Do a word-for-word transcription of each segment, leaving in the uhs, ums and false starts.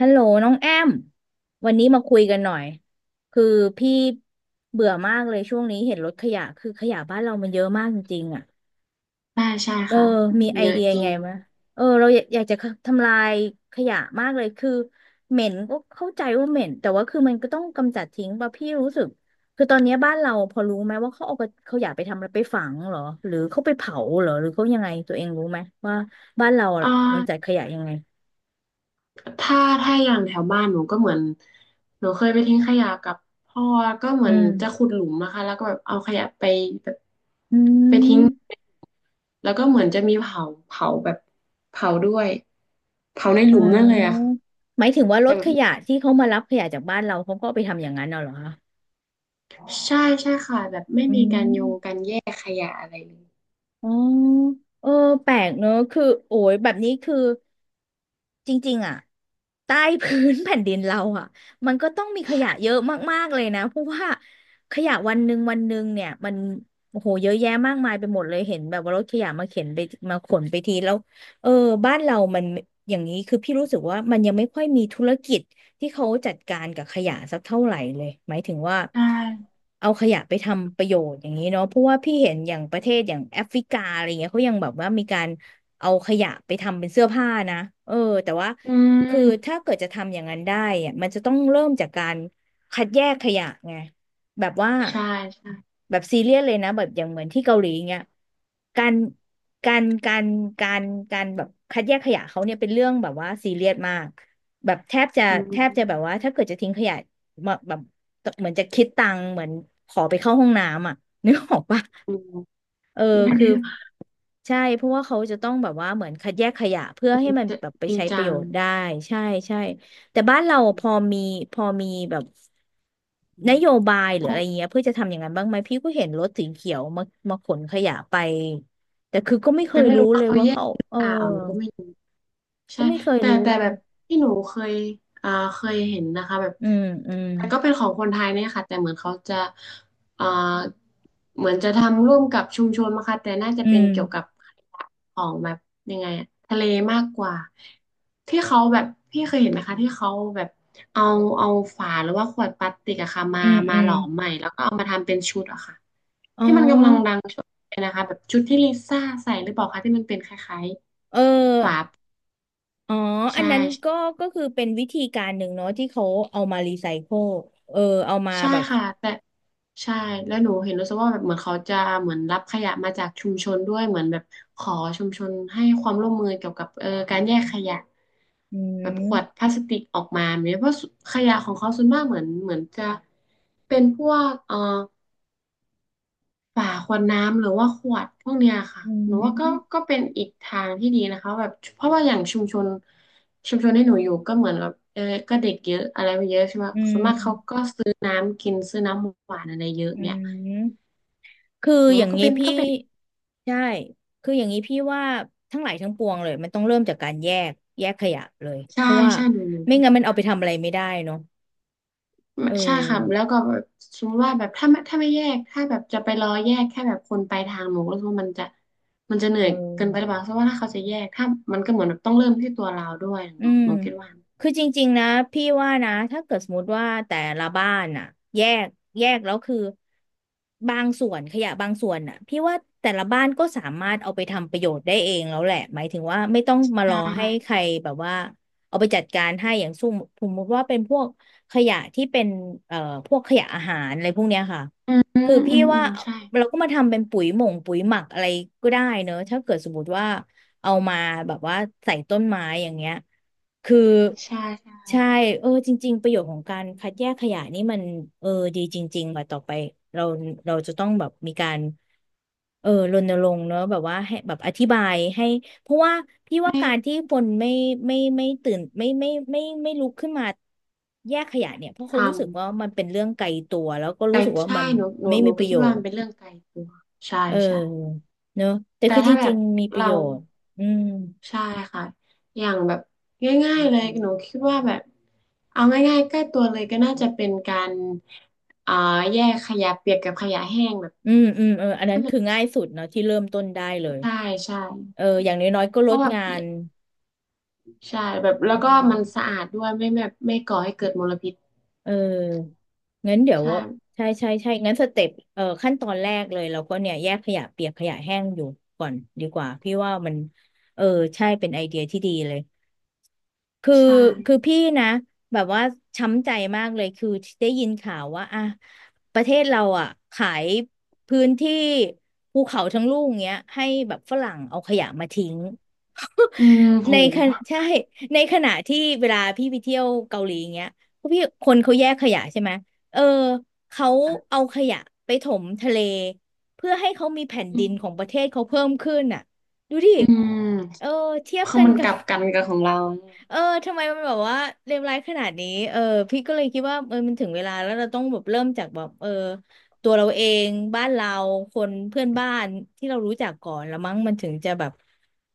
ฮัลโหลน้องแอมวันนี้มาคุยกันหน่อยคือพี่เบื่อมากเลยช่วงนี้เห็นรถขยะคือขยะบ้านเรามันเยอะมากจริงๆอ่ะใช่ใช่เออค่ะมีไอเยอะเดียจริไงงมะเออเราอยากอยากจะทำลายขยะมากเลยคือเหม็นก็เข้าใจว่าเหม็นแต่ว่าคือมันก็ต้องกำจัดทิ้งป่ะพี่รู้สึกคือตอนเนี้ยบ้านเราพอรู้ไหมว่าเขาเอาขยะไปทำอะไรไปฝังเหรอหรือเขาไปเผาเหรอหรือเขายังไงตัวเองรู้ไหมว่าบ้านเราอะอ่กำจัดาขยะยังไงถ้าถ้าอย่างแถวบ้านหนูก็เหมือนหนูเคยไปทิ้งขยะกับพ่อก็เหมือือนมจะขุดหลุมนะคะแล้วก็แบบเอาขยะไปแบบอืไปทิ้งม แล้วก็เหมือนจะมีเผาเผาแบบเผาด้วยเผาในหอ๋ลุมนั่นเลยอะอค่ะหมายถึงว่ารแต่ถแบขบยะที่เขามารับขยะจากบ้านเราเขาก็เอาไปทำอย่างนั้นเอาเหรอคะใช่ใช่ค่ะแบบไม่อืมีการโยงกามรแยกขยะอะไรเลยอ๋อเออแปลกเนอะ คือ โอ้ย แบบนี้คือ จริงๆอ่ะใต้พื้น แผ่นดินเราอ่ะมันก็ต้องมีขยะเยอะมากๆเลยนะเพราะว่าขยะวันหนึ่งวันหนึ่งเนี่ยมันโอ้โหเยอะแยะมากมายไปหมดเลยเห็นแบบว่ารถขยะมาเข็นไปมาขนไปทีแล้วเออบ้านเรามันอย่างนี้คือพี่รู้สึกว่ามันยังไม่ค่อยมีธุรกิจที่เขาจัดการกับขยะสักเท่าไหร่เลยหมายถึงว่าใช่เอาขยะไปทำประโยชน์อย่างนี้เนาะเพราะว่าพี่เห็นอย่างประเทศอย่างแอฟริกาอะไรเงี้ยเขายังแบบว่ามีการ เอาขยะไปทำเป็นเสื้อผ้านะเออแต่ว่าอืคือถ้ามเกิดจะทำอย่างนั้นได้อะมันจะต้องเริ่มจากการคัดแยกขยะไงแบบว่าใช่ใช่แบบซีเรียสเลยนะแบบอย่างเหมือนที่เกาหลีเงี้ยการการการการการแบบคัดแยกขยะเขาเนี่ยเป็นเรื่องแบบว่าซีเรียสมากแบบแทบจะอืแทบจะแบบว่ามถ้าเกิดจะทิ้งขยะมาแบบเหมือนจะคิดตังค์เหมือนขอไปเข้าห้องน้ำอ่ะนึกออกปะ อืมเออคือใช่เพราะว่าเขาจะต้องแบบว่าเหมือนคัดแยกขยะเพื่อให้มันแบบไปจริงใช้ประจัโยง ชน์ได้ใช่ใช่แต่บ้านเราพอมีพอมีแบบนโยบายหรืออะไรเงี้ยเพื่อจะทำอย่างนั้นบ้างไหมพี่ก็เห็นรถสีเขียวมามาขนขยะไปแต่คือก็ไม่เคแต่ยไม่รู้รู้เลว่ายเขาว่าแยกเขาหรือเออเปล่าหนูก็ไม่รู้ก็ใช่ไม่เคยแต่รู้แต่เลแบยบที่หนูเคยอ่าเคยเห็นนะคะแบบอืมอืมแต่ก็เป็นของคนไทยเนี่ยค่ะแต่เหมือนเขาจะอ่าเหมือนจะทำร่วมกับชุมชนนะคะแต่น่าจะอืเป็นมเกี่ยวกับของแบบยังไงอะทะเลมากกว่าที่เขาแบบพี่เคยเห็นไหมคะที่เขาแบบเอาเอาฝาหรือว่าขวดพลาสติกอะค่ะมาอืมมาอืหมลอมใหม่แล้วก็เอามาทำเป็นชุดอะค่ะ อ๋อที่มันกำลังดังช่วงนี้นะคะแบบชุดที่ลิซ่าใส่หรือเปล่าคะที่มันเป็นคล้ายเอๆฝาอ อ๋อ อัใช่นนั้นก็ก็คือเป็นวิธีการหนึ่งเนาะที่เขาเอามารีไซเคิลเออเอามาใช่แบบค่ะแต่ใช่แล้วหนูเห็นรู้สึกว่าแบบเหมือนเขาจะเหมือนรับขยะมาจากชุมชนด้วยเหมือนแบบขอชุมชนให้ความร่วมมือเกี่ยวกับเออการแยกขยะอืแบบขวดพมลาสติกออกมาเนี่ยเพราะขยะของเขาส่วนมากเหมือนเหมือนจะเป็นพวกเออ ฝาขวดน้ำหรือว่าขวดพวกเนี้ยค่ะอืหนูว่าก็ก็มเป็นอีกทางที่ดีนะคะแบบเพราะว่าอย่างชุมชนชุมชนที่หนูอยู่ก็เหมือนกับเออก็เด็กเยอะอะไรไปเยอะใช่ไหมอืส่วนมากเขามก็ซื้อน้ำกินซื้อน้ำหวานอะไรเยอะอืเนี่ยมคือหนูอย่าว่างก็นี้เป็นพี่ก็เป็นใช่ คืออย่างนี้พี่ว่าทั้งหลายทั้งปวงเลยมันต้องเริ่มจากการแยกแยกขยะเลย ใช่เพราะว่าใช่หนูหนไมู่งั้นมันเอาไปทำอะไรไม่ได้เนาะเอใช่ค่ะแล้อวก็แบบสมมติว่าแบบถ้าไม่ถ้าไม่แยกถ้าแบบจะไปรอแยกแค่แบบคนไปทางหนูก็รู้สึกว่ามันจะมันจะเหนื่เออยเกินไปหรืออ เปล่าเพราะว่าถ้าเขาจะแยกถ้ามันก็เหมือนแบบต้องเริ่มที่ตัวเราด้วยหอืนูมหนูคิดว่าคือจริงๆนะพี่ว่านะถ้าเกิดสมมติว่าแต่ละบ้านน่ะแยกแยกแล้วคือบางส่วนขยะบางส่วนน่ะพี่ว่าแต่ละบ้านก็สามารถเอาไปทำประโยชน์ได้เองแล้วแหละหมายถึงว่าไม่ต้องมารใช่ อให้ใครแบบว่าเอาไปจัดการให้อย่างสุ่มสมมติว่าเป็นพวกขยะที่เป็นเอ่อพวกขยะอาหารอะไรพวกเนี้ยค่ะอืมอืคือพี่มอืว่ามใช่เราก็มาทำเป็นปุ๋ยหม่งปุ๋ยหมักอะไรก็ได้เนอะถ้าเกิดสมมติว่าเอามาแบบว่าใส่ต้นไม้อย่างเงี้ย คือใช่ใช่ใช่เออจริงๆประโยชน์ของการคัดแยกขยะนี่มันเออดีจริงๆว่าต่อไปเราเราจะต้องแบบมีการเออรณรงค์เนอะแบบว่าให้แบบอธิบายให้เพราะว่าพี่ว่าให้การที่คนไม่ไม่ไม่ตื่นไม่ไม่ไม่ไม่ไม่ลุกขึ้นมาแยกขยะเนี่ยเพราะเขารู้ทำสึกว่ามันเป็นเรื่องไกลตัวแล้วก็ไกลรู้สึกว่าใช่มันหนูหนูไม่หนูมีปก็ระโยคิดว่ามัชนน์เป็นเรื่องไกลตัวใช่เอใช่อเนอะแต่แต่คือจถ้าแบริบงๆมีประเราโยชน์อืมใช่ค่ะอย่างแบบง่ายๆเลยหนูคิดว่าแบบเอาง่ายๆใกล้ตัวเลยก็น่าจะเป็นการอ่าแยกขยะเปียกกับขยะแห้งแบบอืมอืมเอออันนั้นคือง่ายสุดเนาะที่เริ่มต้นได้เลย ใช่ใช่เอออย่างน้อยๆก็เพลดราะแบบงานใช่แบบแล้เอวก็มันอสะอาดด้วยไม่แบบไม่ก่อให้เกิดมลพิษเอองั้นเดี๋ยวว่าใช่ใช่ใช่ใช่งั้นสเต็ปเออขั้นตอนแรกเลยเราก็เนี่ยแยกขยะเปียกขยะแห้งอยู่ก่อนดีกว่าพี่ว่ามันเออใช่เป็นไอเดียที่ดีเลย คือใช่คือพี่นะแบบว่าช้ำใจมากเลยคือได้ยินข่าวว่าอ่ะประเทศเราอ่ะขายพื้นที่ภูเขาทั้งลูกเงี้ยให้แบบฝรั่งเอาขยะมาทิ้ง อืม โหในขณะใช่ในขณะที่เวลาพี่ไปเที่ยวเกาหลีเงี้ยพวกพี่คนเขาแยกขยะใช่ไหมเออเขาเอาขยะไปถมทะเลเพื่อให้เขามีแผ่นอืดินของมประเทศเขาเพิ่มขึ้นอ่ะดูดิอืม เออเทียบคือกันมันกักลับ บกันกับของเราเออทำไมมันแบบว่าเลวร้ายขนาดนี้เออพี่ก็เลยคิดว่าเออมันถึงเวลาแล้วเราต้องแบบเริ่มจากแบบเออตัวเราเองบ้านเราคนเพื่อนบ้านที่เรารู้จักก่อนแล้วมั้งมันถึงจะแบบ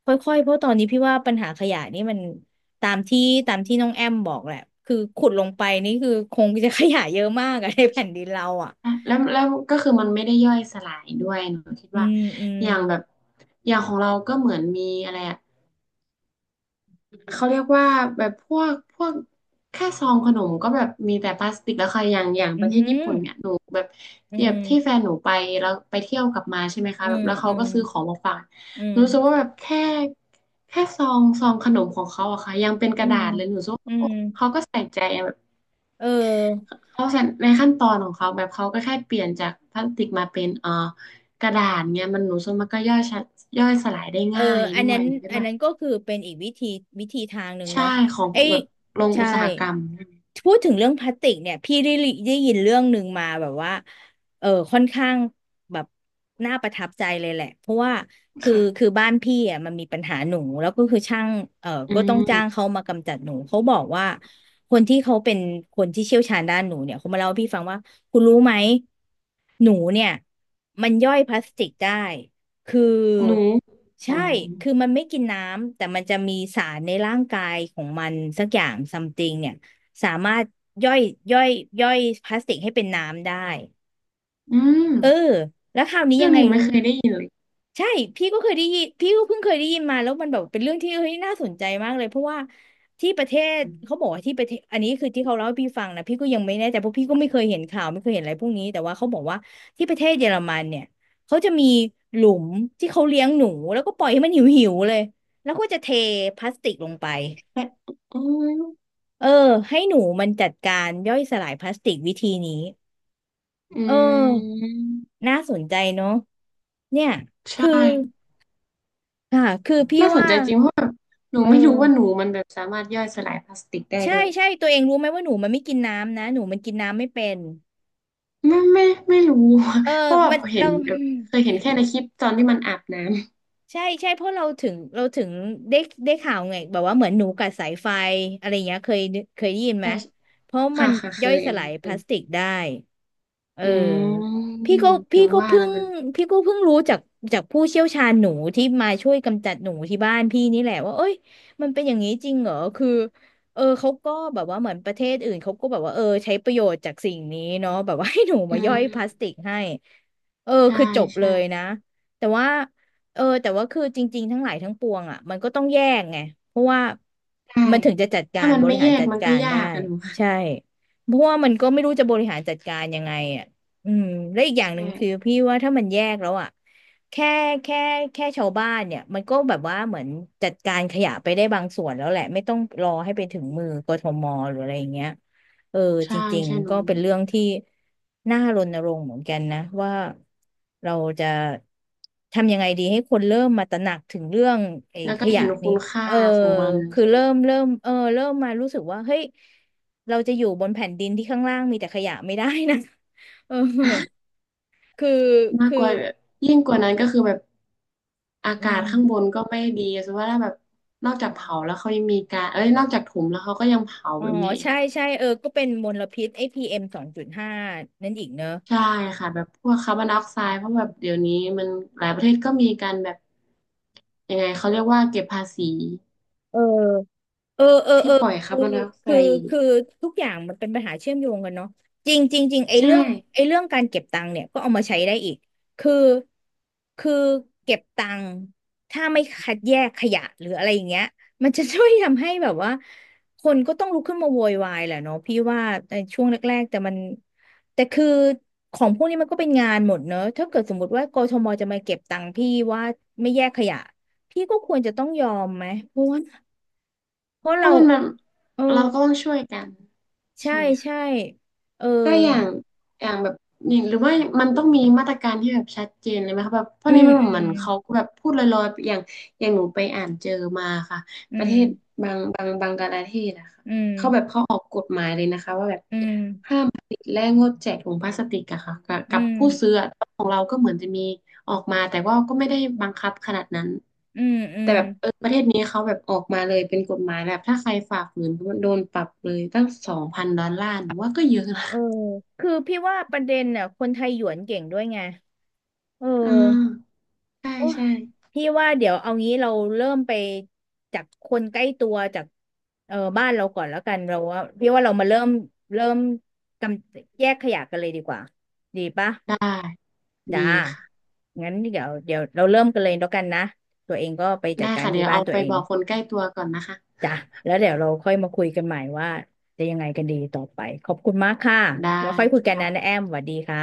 ค่อยๆเพราะตอนนี้พี่ว่าปัญหาขยะนี่มันตามที่ตามที่น้องแอมบอกแหละคือขุดลงไปนี่คือคงจะขยะเยอะมากอะในแผ่นดินเราอะอะแล้วแล้วก็คือมันไม่ได้ย่อยสลายด้วยหนูคิดอืว่ามอืมอย่างแบบอย่างของเราก็เหมือนมีอะไรอะเขาเรียกว่าแบบพวกพวกแค่ซองขนมก็แบบมีแต่พลาสติกแล้วค่ะอย่างอย่างอืประเทมศญี่ปุ่นเนี่ยหนูแบบอืแบบที่มแฟนหนูไปแล้วไปเที่ยวกลับมาใช่ไหมคะอืแบบมแล้วเขาอืก็มซื้อของมาฝากอืหมนูรู้สึกว่าแบบแค่แค่ซองซองขนมของเขาอะค่ะยังเป็นกอืระดามษเลยหนูรู้สึกว่าอืโอ้มเขาก็ใส่ใจ เออ เขาะฉะนั้นในขั้นตอนของเขาแบบเขาก็แค่เปลี่ยนจากพลาสติกมาเป็นเอ่อกระดาษเนี่ยมันหนูส่วมันก็ย่อยชะย่อยสลายได้เออง่ายอัด้นวนั้ยนหนูคิดอันว่านั้นก็คือเป็นอีกวิธีวิธีทางหนึ่งใช่เนาะของไอ้แบบโรงใช่อุตสาหกรรมใช่ไหมพูดถึงเรื่องพลาสติกเนี่ยพี่ได้ลิได้ยินเรื่องหนึ่งมาแบบว่าเออค่อนข้างแบบน่าประทับใจเลยแหละเพราะว่าคือคือค่ะบ้านพี่อ่ะมันมีปัญหาหนูแล้วก็คือช่างเอออืก็ต้องจ้างมเขามากำจัดหนูเขาบอกว่าคนที่เขาเป็นคนที่เชี่ยวชาญด้านหนูเนี่ยเขามาเล่าให้พี่ฟังว่าคุณรู้ไหมหนูเนี่ยมันย่อยพลาสติกได้ คือหนูอ๋ใช่อคือมันไม่กินน้ำแต่มันจะมีสารในร่างกายของมันสักอย่างซัมติงเนี่ยสามารถย่อยย่อยย่อยพลาสติกให้เป็นน้ำได้อืมเออแล้วคราวนี้เรื่ยัองงไงนี้รู้ ไม่เคยได้ยินเลยใช่พี่ก็เคยได้ยินพี่ก็เพิ่งเคยได้ยินมาแล้วมันแบบเป็นเรื่องที่เฮ้ยน่าสนใจมากเลยเพราะว่าที่ประเทศเขาบอกว่าที่ประเทศอันนี้คือที่เขาเล่าให้พี่ฟังนะพี่ก็ยังไม่แน่ใจเพราะพี่ก็ไม่เคยเห็นข่าวไม่เคยเห็นอะไรพวกนี้แต่ว่าเขาบอกว่าที่ประเทศเยอรมันเนี่ยเขาจะมีหลุมที่เขาเลี้ยงหนูแล้วก็ปล่อยให้มันหิวหิวเลยแล้วก็จะเทพลาสติกลงไปแต่อืมเออให้หนูมันจัดการย่อยสลายพลาสติกวิธีนี้อืเออมน่าสนใจเนาะเนี่ยใช่คือค่ะคือพี่น่าสนว่าใจจริงเพราะแบบหนูเออ ไม่รู้ว่าหนูมันแบบสามารถย่อยสลายพลาสติกได้ใช่ด้วย ใช่ตัวเองรู้ไหมว่าหนูมันไม่กินน้ำนะหนูมันกินน้ำไม่เป็นไม่ไม่ไม่รู้ เออ เพราะแบมับนเห็เรา นแบบเคย เห็นแค่ในคลิปตอนที่มันอาบน้ำใช่ใช่เพราะเราถึงเราถึงได้ได้ข่าวไงแบบว่าเหมือนหนูกัดสายไฟอะไรอย่างเงี้ยเคยเคยได้ยินไหมแต่เพราะมัค่ะนค่ะเคย่อยยสอันลานั้ยนเคพลายสติกได้เอืมออพี่ก็ถึพี่งก็ว่าเพิ่แล้วงมันพี่ก็เพิ่งรู้จากจากผู้เชี่ยวชาญหนูที่มาช่วยกำจัดหนูที่บ้านพี่นี่แหละว่าเอ้ยมันเป็นอย่างนี้จริงเหรอคือเออเขาก็แบบว่าเหมือนประเทศอื่นเขาก็แบบว่าเออใช้ประโยชน์จากสิ่งนี้เนาะแบบว่าให้หนูอืมาย่อยพลาสติมกให้เออใช่คือจบเลใช่ยนะแต่ว่า เออแต่ว่าคือจริงๆทั้งหลายทั้งปวงอ่ะมันก็ต้องแยกไงเพราะว่าใช่มันถึงจะจัดกาถ้ารมันบไม่ริหาแยรกจัดมันกาก็รยาได้กอะหนูค่ะใช่เพราะว่ามันก็ไม่รู้จะบริหารจัดการยังไงอ่ะอืมและอีกอใชย่างหนึ่งคือ่พี่ว่าถ้ามันแยกแล้วอ่ะแค่แค่แค่ชาวบ้านเนี่ยมันก็แบบว่าเหมือนจัดการขยะไปได้บางส่วนแล้วแหละไม่ต้องรอให้ไปถึงมือกทมหรืออะไรอย่างเงี้ย เออจใช่ริงใช่ๆมันหนูก็เป็นเรื่องที่น่ารณรงค์เหมือนกันนะว่าเราจะทำยังไงดีให้คนเริ่มมาตระหนักถึงเรื่องไอ้แล้วขก็ยะเห็นคุนี้ณค่าเออของมันคือใช่ไหมเริ่มคะเริ่มเออเริ่มมารู้สึกว่าเฮ้ยเราจะอยู่บนแผ่นดินที่ข้างล่างมีแต่ขยะไม่ได้นะ เออคือมากคืกอว่าแบบยิ่งกว่านั้นก็คือแบบอาอืกาศมข้างบนก็ไม่ดีสมมติว่าถ้าแบบนอกจากเผาแล้วเขายังมีการเอ้ยนอกจากถมแล้วเขาก็ยังเผาอ๋อแบบนี้ ใช่ใช่เออก็เป็นมลพิษไอ้พี เอ็ม สองจุดห้านั่นอีกเนอะใช่ค่ะแบบพวกคาร์บอนไดออกไซด์เพราะแบบเดี๋ยวนี้มันหลายประเทศก็มีการแบบยังไงเขาเรียกว่าเก็บภาษีเออ เออเออที่เออปล่อยคาร์บอนไดออกไซคือคือด์อีกคือทุกอย่างมันเป็นปัญหาเชื่อมโยงกันเนาะจริงจริงจริงไอ้ใช่เรื่องไอ้เรื่องการเก็บตังค์เนี่ยก็เอามาใช้ได้อีกคือคือเก็บตังค์ถ้าไม่คัดแยกขยะหรืออะไรอย่างเงี้ยมันจะช่วยทำให้แบบว่าคนก็ต้องลุกขึ้นมาโวยวายแหละเนาะพี่ว่าในช่วงแรกๆแต่มันแต่คือของพวกนี้มันก็เป็นงานหมดเนอะถ้าเกิดสมมติว่ากทมจะมาเก็บตังค์พี่ว่าไม่แยกขยะพี่ก็ควรจะต้องยอมไหมเพราะว่า เพราะเพเราราะมันแบบเออเราก็ต้องช่วยกันใช่ใช่ไหมคะใช่เออก็อย่างอย่างแบบนี่หรือว่ามันต้องมีมาตรการที่แบบชัดเจนเลยไหมคะแบบเพอืราะนี้มมันอืเหมมือนเขาก็แบบพูดลอยๆอย่างอย่างหนูไปอ่านเจอมาค่ะอืประเทมศบางบางบางกลาเทศอะค่ะอืมเขาแบบเขาออกกฎหมายเลยนะคะว่าแบบ อืมห้ามผลิตและงดแจกถุงพลาสติกอะค่ะกับอืกับมผู้ซื้ออะของเราก็เหมือนจะมีออกมาแต่ว่าก็ไม่ได้บังคับขนาดนั้นอืมอืแต่มแบบเออประเทศนี้เขาแบบออกมาเลยเป็นกฎหมายแบบถ้าใครฝ่าฝืนโดนปรับเลยตั้งสองพันดอลลาร์หนูว่าก็เยอะนะเออคือพี่ว่าประเด็นน่ะคนไทยหยวนเก่งด้วยไงเอออ่าใช่โอ้ใช่พี่ว่าเดี๋ยวเอางี้เราเริ่มไปจากคนใกล้ตัวจากเออบ้านเราก่อนแล้วกันเราว่าพี่ว่าเรามาเริ่มเริ่มกำแยกขยะกันเลยดีกว่าดีปะ ได้ดีจ้าค่ะงั้นเดี๋ยวเดี๋ยวเราเริ่มกันเลยแล้วกันนะ ตัวเองก็ไปจัได้ดการค่ะที่เดี๋ยวบ้านเอาตัวไปเอบงอกคนใกล้ตัวก่อนนะคะจ้ะแล้วเดี๋ยวเราค่อยมาคุยกันใหม่ว่าจะยังไงกันดีต่อไป ขอบคุณมากค่ะได้แล้วค่อยคุยกันนะนะแอค่ะมสวัสดีค่ะ